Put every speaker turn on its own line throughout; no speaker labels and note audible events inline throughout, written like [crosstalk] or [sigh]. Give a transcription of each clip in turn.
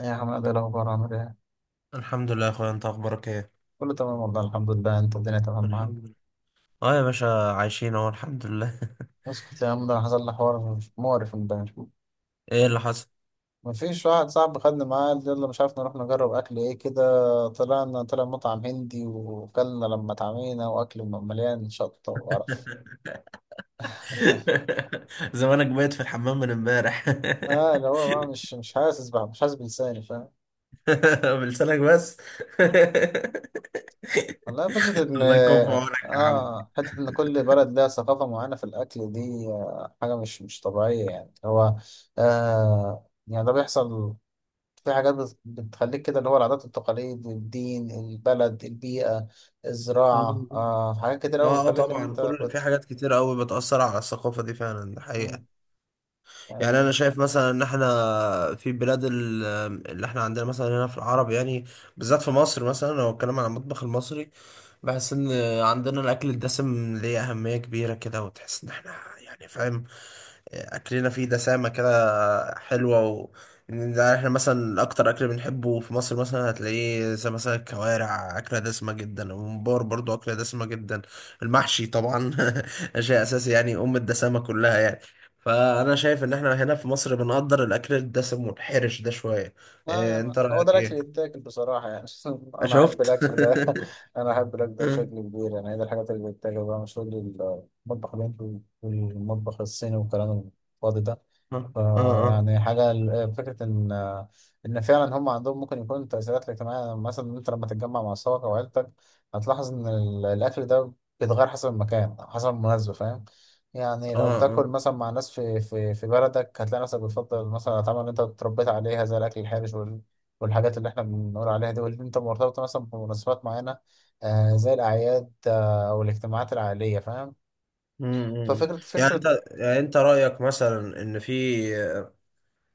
إيه يا حماد، إيه الأخبار، عامل إيه؟
الحمد لله يا اخويا، انت اخبارك ايه؟
كله تمام والله، الحمد لله، أنت الدنيا تمام معاك.
الحمد لله. اه، يا باشا عايشين اهو الحمد لله. [laughs]
اسكت يا عم، ده حصل لي حوار مقرف امبارح.
ايه اللي حصل؟
مفيش واحد صاحبي خدني معاه قال يلا مش عارف نروح نجرب أكل إيه كده. طلع مطعم هندي، وكلنا لما اتعمينا، وأكل مليان شطة وقرف.
[laughs] زمانك بايت في الحمام من امبارح.
اللي هو بقى مش حاسس، بقى مش حاسس بلساني، فاهم.
[laughs] بلسانك بس. [laughs]
والله، فكرة إن.
الله يكون في عونك يا عم.
حتة إن كل بلد لها ثقافة معينة في الأكل دي، حاجة مش طبيعية، يعني هو. يعني ده بيحصل. في حاجات بتخليك كده، اللي هو العادات والتقاليد، الدين، البلد، البيئة، الزراعة، حاجات كده أوي
اه، اه،
بتخليك إن
طبعا
أنت
كل
بت...
في حاجات كتير قوي بتأثر على الثقافة دي، فعلا ده حقيقة.
مم.
يعني
يعني.
انا شايف مثلا ان احنا في بلاد اللي احنا عندنا مثلا هنا في العرب، يعني بالذات في مصر. مثلا لو اتكلم عن المطبخ المصري، بحس ان عندنا الاكل الدسم ليه اهميه كبيره كده، وتحس ان احنا يعني فاهم، اكلنا فيه دسامه كده حلوه. و إن ده احنا مثلا اكتر اكل بنحبه في مصر، مثلا هتلاقيه زي مثلا الكوارع اكله دسمه جدا، الممبار برضو اكله دسمه جدا، المحشي طبعا. [laughs] شيء اساسي، يعني ام الدسامه كلها يعني. فانا شايف ان احنا هنا في مصر بنقدر الاكل الدسم والحرش ده شويه.
لا،
إيه،
يعني
انت
هو ده
رايك
الأكل اللي
ايه؟
يتاكل بصراحة يعني [laughs] أنا أحب
شفت.
الأكل ده
[laughs]
[laughs] أنا أحب الأكل ده بشكل كبير، يعني هي دي الحاجات اللي بتتاكل بقى، مش كل المطبخ الهندي والمطبخ الصيني والكلام الفاضي ده.
اه، اه،
فيعني حاجة فكرة إن فعلا هم عندهم ممكن يكون تأثيرات اجتماعية، يعني مثلا أنت لما تتجمع مع أصحابك أو عيلتك، هتلاحظ إن الأكل ده بيتغير حسب المكان أو حسب المناسبة، فاهم. يعني
اه،
لو بتاكل
اه.
مثلا مع ناس في بلدك، هتلاقي نفسك بتفضل مثلا الأطعمة اللي أنت اتربيت عليها، زي الأكل الحرش والحاجات اللي إحنا بنقول عليها دي، واللي أنت مرتبطة مثلا بمناسبات معينة، زي الأعياد، أو الاجتماعات العائلية، فاهم.
أمم، أمم.
ففكرة
يعني انت
فكرة
يعني انت رأيك مثلا ان في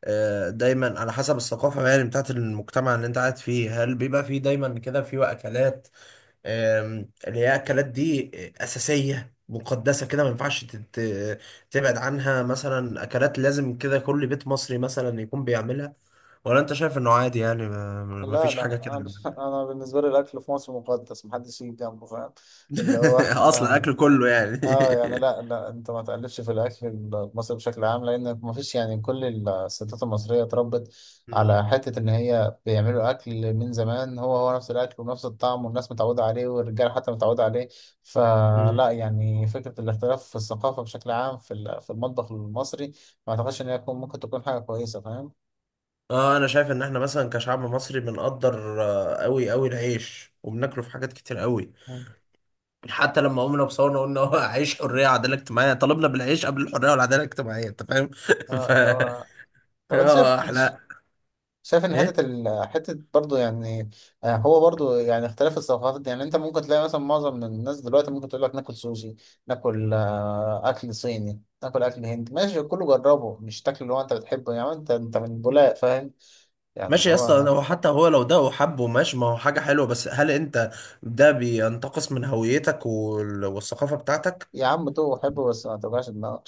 دايما على حسب الثقافة، يعني بتاعت المجتمع اللي انت قاعد فيه. هل بيبقى في دايما كده في اكلات، اللي هي اكلات دي أساسية مقدسة كده ما ينفعش تبعد عنها؟ مثلا اكلات لازم كده كل بيت مصري مثلا يكون بيعملها، ولا انت شايف انه عادي؟ يعني ما
لا،
فيش حاجة كده.
لا، أنا [laughs] أنا بالنسبة لي الأكل في مصر مقدس، محدش يجي جنبه، فاهم. اللي هو
[laughs] اصلا
[laughs]
اكل كله يعني.
اه يعني، لا، لا، انت ما تقلبش في الاكل المصري بشكل عام، لان ما فيش، يعني، كل الستات المصريه اتربت على
[laughs]
حته ان هي بيعملوا اكل من زمان، هو هو نفس الاكل ونفس الطعم، والناس متعوده عليه، والرجاله حتى متعوده عليه.
أمم.
فلا، يعني فكره الاختلاف في الثقافه بشكل عام في المطبخ المصري، ما اعتقدش ان هي ممكن تكون حاجه كويسه، فاهم.
اه، انا شايف ان احنا مثلا كشعب مصري بنقدر، قوي قوي العيش وبناكله في حاجات كتير قوي.
مم.
حتى لما قمنا بصورنا قلنا هو عيش حريه وعداله اجتماعيه، طلبنا بالعيش قبل الحريه والعداله الاجتماعيه، انت فاهم. [laughs]
اه،
ف
اللي هو، طب انت شايف
اه احنا.
شايف ان
ايه؟
حته برضه يعني، هو برضه يعني اختلاف الثقافات دي. يعني انت ممكن تلاقي مثلا معظم من الناس دلوقتي ممكن تقول لك ناكل سوشي، ناكل اكل صيني، ناكل اكل هندي، ماشي كله جربه، مش تاكل اللي هو انت بتحبه، يعني انت من بولاق، فاهم. يعني اللي
ماشي يا اسطى،
هو،
هو حتى هو لو ده وحبه ماشي، ما هو حاجه حلوه، بس هل انت ده بينتقص من هويتك والثقافه بتاعتك؟
يا عم تو حبه بس ما توجعش دماغك.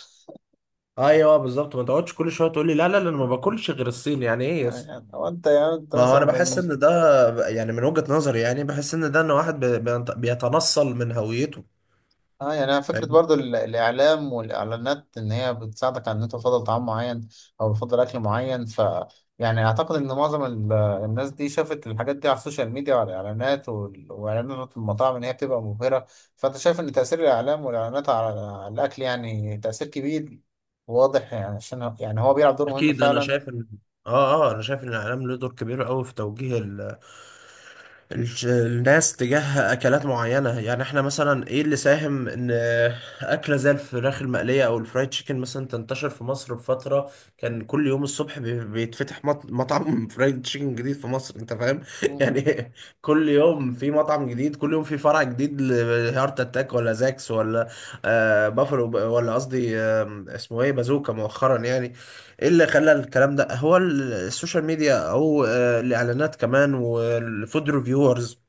ايوه بالظبط، ما تقعدش كل شويه تقول لي لا، لا، لا، انا ما باكلش غير الصين. يعني ايه يا
ما [laughs]
اسطى؟
يعني هو انت، يعني انت
ما هو
مثلا
انا
من
بحس
من
ان ده، يعني من وجهة نظري يعني بحس ان ده ان واحد بيتنصل من هويته.
اه يعني، انا فكره
فاهم.
برضو الاعلام والاعلانات ان هي بتساعدك على ان انت تفضل طعام معين، او بتفضل اكل معين. يعني اعتقد ان معظم الناس دي شافت الحاجات دي على السوشيال ميديا وعلى الاعلانات واعلانات المطاعم، ان هي بتبقى مبهره. فانت شايف ان تاثير الاعلام والاعلانات على الاكل يعني تاثير كبير واضح، يعني عشان يعني هو بيلعب دور مهم
اكيد، انا
فعلا.
شايف ان، اه، اه، انا شايف ان الاعلام له دور كبير قوي في توجيه الناس تجاه اكلات معينه. يعني احنا مثلا ايه اللي ساهم ان اكله زي الفراخ المقليه او الفرايد تشيكن مثلا تنتشر في مصر بفتره. كان كل يوم الصبح بيتفتح مطعم [laughs] فرايد تشيكن جديد في مصر، انت فاهم. [laughs]
مم.
يعني كل يوم في مطعم جديد، كل يوم في فرع جديد، لهارت اتاك، ولا زاكس، ولا بافلو، ولا قصدي اسمه ايه، بازوكا مؤخرا يعني. ايه اللي خلى الكلام ده هو السوشيال ميديا، او الاعلانات كمان، والفود ريفيورز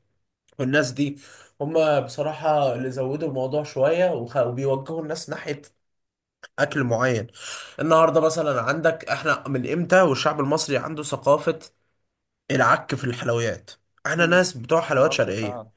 والناس دي، هم بصراحة اللي زودوا الموضوع شوية، وبيوجهوا الناس ناحية اكل معين. النهاردة مثلا عندك، احنا من امتى والشعب المصري عنده ثقافة العك في الحلويات. احنا
مم.
ناس بتوع حلويات
اوكي،
شرقية.
فعلا.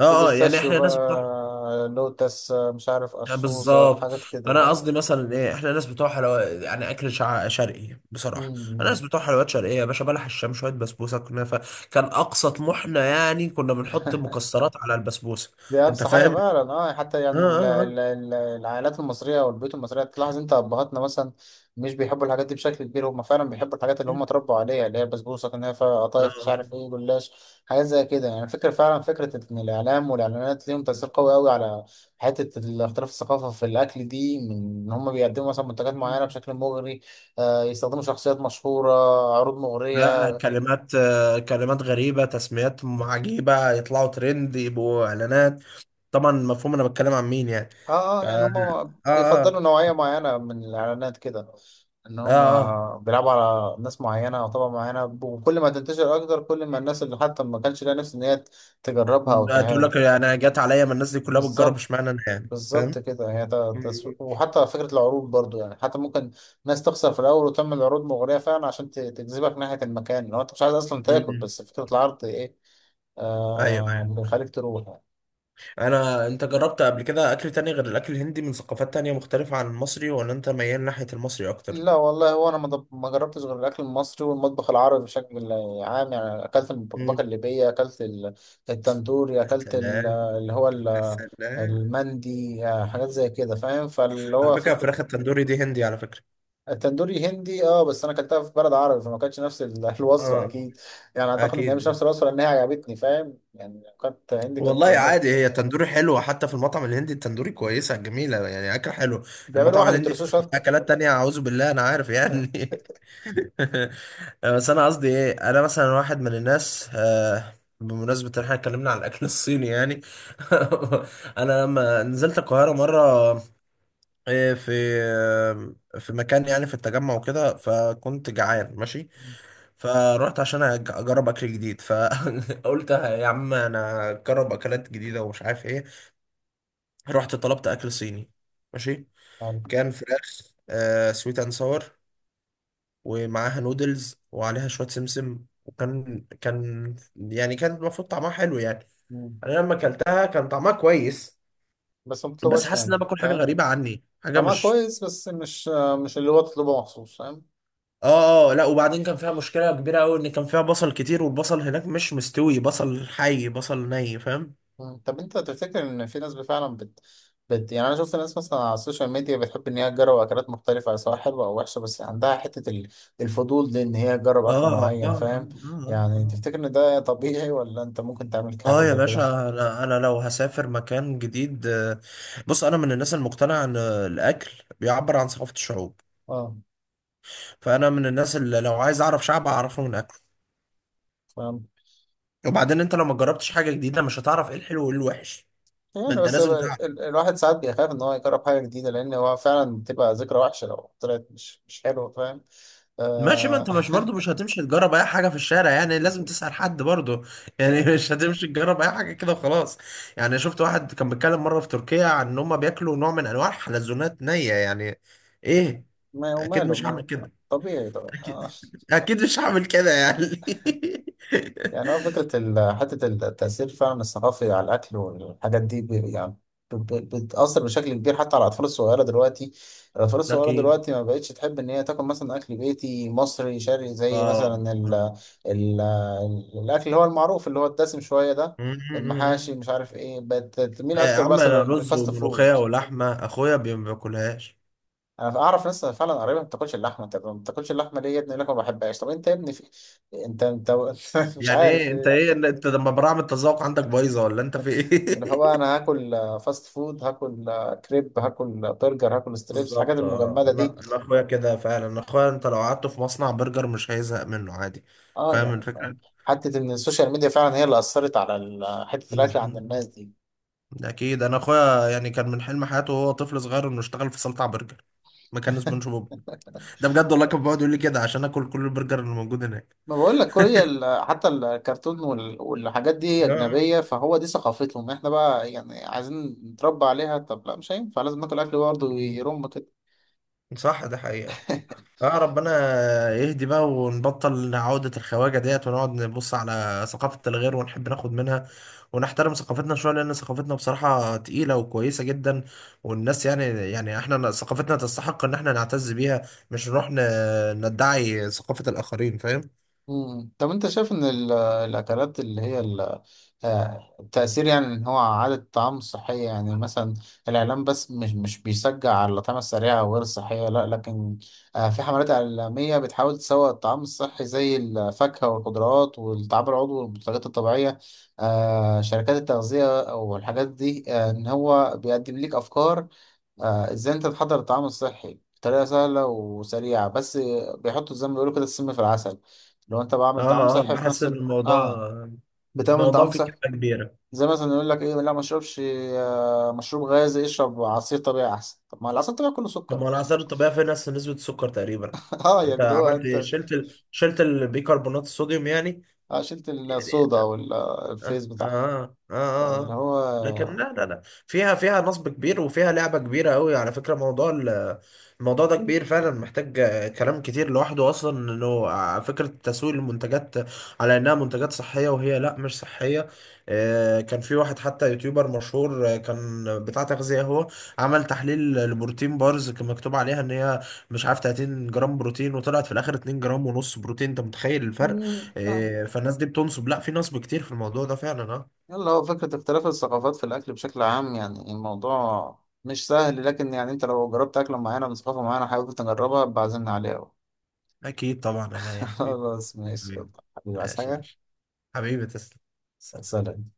اه، اه، يعني
البيستاشيو
احنا ناس بتوع،
بقى، لوتس، مش عارف
آه،
قصوصه،
بالظبط.
حاجات
انا
كده
قصدي مثلا ايه، احنا ناس بتوع حلويات يعني اكل شرقي بصراحه. انا
بقى.
ناس بتوع حلويات شرقيه يا باشا، بلح الشام شويه بسبوسه كنافه. كان اقصى طموحنا، يعني كنا بنحط مكسرات على البسبوسه.
دي
انت
أبسط حاجة
فاهم.
فعلا، اه يعني حتى
اه،
يعني
اه،
العائلات المصرية والبيوت المصرية، تلاحظ انت أبهاتنا مثلا مش بيحبوا الحاجات دي بشكل كبير، هم فعلا بيحبوا الحاجات اللي
اه،
هم اتربوا عليها، اللي هي البسبوسة، كنافة، قطايف، مش
آه.
عارف ايه، جلاش، حاجات زي كده. يعني فكرة فعلا، فكرة إن الإعلام والإعلانات ليهم تأثير قوي أوي على حتة الاختلاف الثقافة في الأكل دي، من إن هم بيقدموا مثلا منتجات معينة بشكل مغري، يستخدموا شخصيات مشهورة، عروض
لا،
مغرية.
كلمات غريبه، تسميات عجيبه، يطلعوا ترند يبقوا اعلانات. طبعا مفهوم انا بتكلم عن مين يعني.
اه
ف،
اه، يعني
اه،
هم
اه،
بيفضلوا نوعية معينة من الإعلانات كده، إن
اه،
هم
آه.
بيلعبوا على ناس معينة أو طبقة معينة، وكل ما تنتشر أكتر، كل ما الناس اللي حتى ما كانش ليها نفس إن هي تجربها أو
تقول
تع-
لك انا جت عليا، ما الناس دي كلها بتجرب
بالظبط.
اشمعنى انا، يعني
بالظبط
فاهم.
كده، هي
مم.
تسويق، وحتى فكرة العروض برضو يعني حتى ممكن ناس تخسر في الأول وتعمل عروض مغرية فعلا عشان تجذبك ناحية المكان، لو أنت مش عايز أصلا تاكل،
امم،
بس فكرة العرض إيه،
ايوه، أيوة.
بيخليك تروح يعني.
انت جربت قبل كده اكل تاني غير الاكل الهندي من ثقافات تانية مختلفة عن المصري، ولا انت ميال ناحية المصري اكتر؟
لا والله، هو انا ما جربتش غير الاكل المصري والمطبخ العربي بشكل عام، يعني اكلت المبكبكه
امم.
الليبيه، اكلت التندوري،
يا
اكلت
سلام، يا سلام.
المندي، حاجات زي كده، فاهم. فاللي
على
هو
فكرة
فكره،
الفراخ التندوري دي هندي على فكرة.
التندوري هندي اه، بس انا اكلتها في بلد عربي، فما كانتش نفس [laughs] الوصفه
اه.
اكيد. يعني اعتقد ان هي مش
اكيد.
نفس الوصفه لان هي عجبتني، فاهم، يعني لو كانت هندي
والله
كانت
عادي، هي
مت
تندوري حلوة، حتى في المطعم الهندي التندوري كويسة جميلة، يعني أكل حلو.
بيعملوا
المطعم
واحد
الهندي فيه
ويترسوه
فيه
شطه،
أكلات تانية أعوذ بالله، أنا عارف يعني. [laughs] بس أنا قصدي إيه، أنا مثلا واحد من الناس، بمناسبة إن إحنا اتكلمنا عن الأكل الصيني يعني. [laughs] أنا لما نزلت القاهرة مرة، آه، في في مكان يعني في التجمع وكده، فكنت جعان ماشي. فروحت عشان اجرب اكل جديد، فقلت [laughs] يا عم انا اجرب اكلات جديده ومش عارف ايه. رحت طلبت اكل صيني. ماشي.
يعني.
كان فراخ سويت اند ساور، ومعاها نودلز وعليها شويه سمسم، وكان يعني كان المفروض طعمها حلو يعني.
مم.
انا لما اكلتها كان طعمها كويس.
بس ما
بس
بتطلبهاش
حاسس ان انا
تاني،
باكل حاجه
فاهم.
غريبه عني، حاجه
طعمها
مش.
كويس، بس مش اللي هو تطلبه مخصوص، فاهم.
اه، اه، لا، وبعدين كان فيها مشكله كبيره قوي ان كان فيها بصل كتير، والبصل هناك مش مستوي، بصل حي بصل ني، فاهم.
مم. طب انت تفتكر ان في ناس فعلا بت... بت يعني، انا شفت ناس مثلا على السوشيال ميديا بتحب ان هي تجرب اكلات مختلفه، سواء حلوه او وحشه، بس عندها حته الفضول، لان هي تجرب اكل
اه، اه،
معين،
اه،
فاهم.
اه، اه،
يعني تفتكر
آه.
ان ده طبيعي، ولا انت ممكن تعمل حاجه
يا
زي كده؟
باشا، انا لو هسافر مكان جديد، بص انا من الناس المقتنعه ان الاكل بيعبر عن ثقافه الشعوب.
اه،
فانا من الناس اللي لو عايز اعرف شعب اعرفه من اكله.
فاهم،
وبعدين انت لو ما جربتش حاجه جديده مش هتعرف ايه الحلو وايه الوحش. ما
يعني
انت
بس
لازم تعرف.
الواحد ساعات بيخاف ان هو يجرب حاجه جديده، لان هو فعلا بتبقى ذكرى وحشه لو طلعت مش حلوه، فاهم
ماشي، ما
آه...
انت مش برضو مش هتمشي تجرب اي حاجه في الشارع، يعني لازم تسال حد برضو. يعني [laughs]
[laughs]
مش هتمشي تجرب اي حاجه كده وخلاص. يعني شفت واحد كان بيتكلم مره في تركيا عن ان هم بياكلوا نوع من انواع الحلزونات نيه يعني. ايه؟
ما
اكيد مش هعمل
وماله،
كده.
طبيعي طبعا.
اكيد [laughs] اكيد مش هعمل كده يعني. [laughs]
يعني هو فكرة حتة التأثير فعلا الثقافي على الأكل والحاجات دي، يعني بتأثر بشكل كبير حتى على الأطفال الصغيرة دلوقتي الأطفال الصغيرة
أكيد،
دلوقتي ما بقتش تحب إن هي تاكل مثلا أكل بيتي مصري شرقي، زي
آه،
مثلا ال
آه،
ال الأكل اللي هو المعروف، اللي هو الدسم شوية ده، المحاشي، مش عارف إيه، بقت تميل
آه، يا
أكتر
عم أنا
مثلا
رز
للفاست
وملوخية
فود.
ولحمة، أخويا ما بياكلهاش.
أنا أعرف ناس فعلا قريبة ما بتاكلش اللحمة. طب ما بتاكلش اللحمة ليه يا ابني؟ يقول لك ما بحبهاش. طب أنت يا ابني في... أنت أنت [laughs] مش
يعني إيه
عارف.
أنت، إيه أنت لما براعم التذوق عندك بايظة، ولا أنت في
اللي
إيه؟
هو،
[laughs]
انا هاكل فاست فود، هاكل كريب، هاكل برجر، هاكل ستريبس، الحاجات
بالظبط، اه،
المجمده
انا
دي.
انا اخويا كده فعلا، انا اخويا انت لو قعدته في مصنع برجر مش هيزهق منه عادي.
اه
فاهم
يعني،
الفكره.
فاهم. حته ان السوشيال ميديا فعلا هي اللي اثرت على حته الاكل عند
مم.
الناس دي.
ده اكيد، انا اخويا يعني كان من حلم حياته وهو طفل صغير انه يشتغل في سلطع برجر، مكان سبونج
[laughs]
بوب. ده بجد والله، كان بيقعد يقول لي كده عشان اكل كل البرجر اللي موجود هناك.
ما بقول لك، كل هي حتى الكرتون والحاجات دي
آه.
اجنبيه، فهو دي ثقافتهم، احنا بقى يعني عايزين نتربى عليها. طب لا، مش هينفع، لازم ناكل اكل برضه
مم.
يرم كده.
صح، ده حقيقة.
[laughs]
اه، ربنا يهدي بقى ونبطل عودة الخواجة ديت، ونقعد نبص على ثقافة الغير ونحب ناخد منها، ونحترم ثقافتنا شوية، لأن ثقافتنا بصراحة تقيلة وكويسة جدا. والناس يعني احنا ثقافتنا تستحق إن احنا نعتز بيها، مش نروح ندعي ثقافة الآخرين، فاهم؟
مم. طب انت شايف ان الاكلات اللي هي التأثير، يعني ان هو عادة الطعام الصحية، يعني مثلا الاعلام بس مش بيشجع على الأطعمة السريعة وغير الصحية، لا لكن في حملات إعلامية بتحاول تسوق الطعام الصحي زي الفاكهة والخضروات والطعام العضوي والمنتجات الطبيعية، شركات التغذية والحاجات دي، ان هو بيقدم لك افكار، ازاي انت تحضر الطعام الصحي بطريقه سهله وسريعه، بس بيحطوا زي ما بيقولوا كده السم في العسل. لو انت بعمل
اه،
طعام
اه،
صحي في
بحس
نفس
إن
ال...
الموضوع
اه بتعمل
الموضوع
طعام
فيه
صحي،
كلمة كبيرة.
زي مثلا يقول لك ايه، لا ما اشربش مشروب غازي، اشرب عصير طبيعي احسن، طب ما العصير الطبيعي كله
طب
سكر
ما
يعني.
الآثار الطبيعية فيها نفس نسبة السكر تقريبا.
[laughs] اه
انت
يعني اللي هو
عملت إيه؟
انت،
شلت البيكربونات الصوديوم يعني.
شلت الصودا
آه،
والفيس
آه،
بتاعها،
آه، آه،
فاللي
اه. لكن
هو،
لا، لا، لا، فيها نصب كبير، وفيها لعبة كبيرة قوي، على فكرة موضوع الموضوع ده كبير فعلا، محتاج كلام كتير لوحده، أصلا إنه فكرة تسويق المنتجات على إنها منتجات صحية، وهي لا، مش صحية. كان في واحد حتى يوتيوبر مشهور، كان بتاع تغذية، هو عمل تحليل لبروتين بارز كان مكتوب عليها إن هي مش عارف 30 جرام بروتين، وطلعت في الآخر 2 جرام ونص بروتين، أنت متخيل. إيه، فالناس دي بتنصب، لا في نصب كتير في الموضوع ده فعلا، اه.
يلا هو فكرة اختلاف الثقافات في الأكل بشكل عام، يعني الموضوع مش سهل، لكن يعني أنت لو جربت أكلة معينة من ثقافة معينة حابب تجربها، بعزمنا عليها [laughs] بقى.
اكيد طبعا انا يا حبيبي.
خلاص، ماشي، يلا.
حبيبي.
حبيبي عايز
ماشي،
حاجة؟
ماشي. حبيبي تسلم. سلام.
سلام.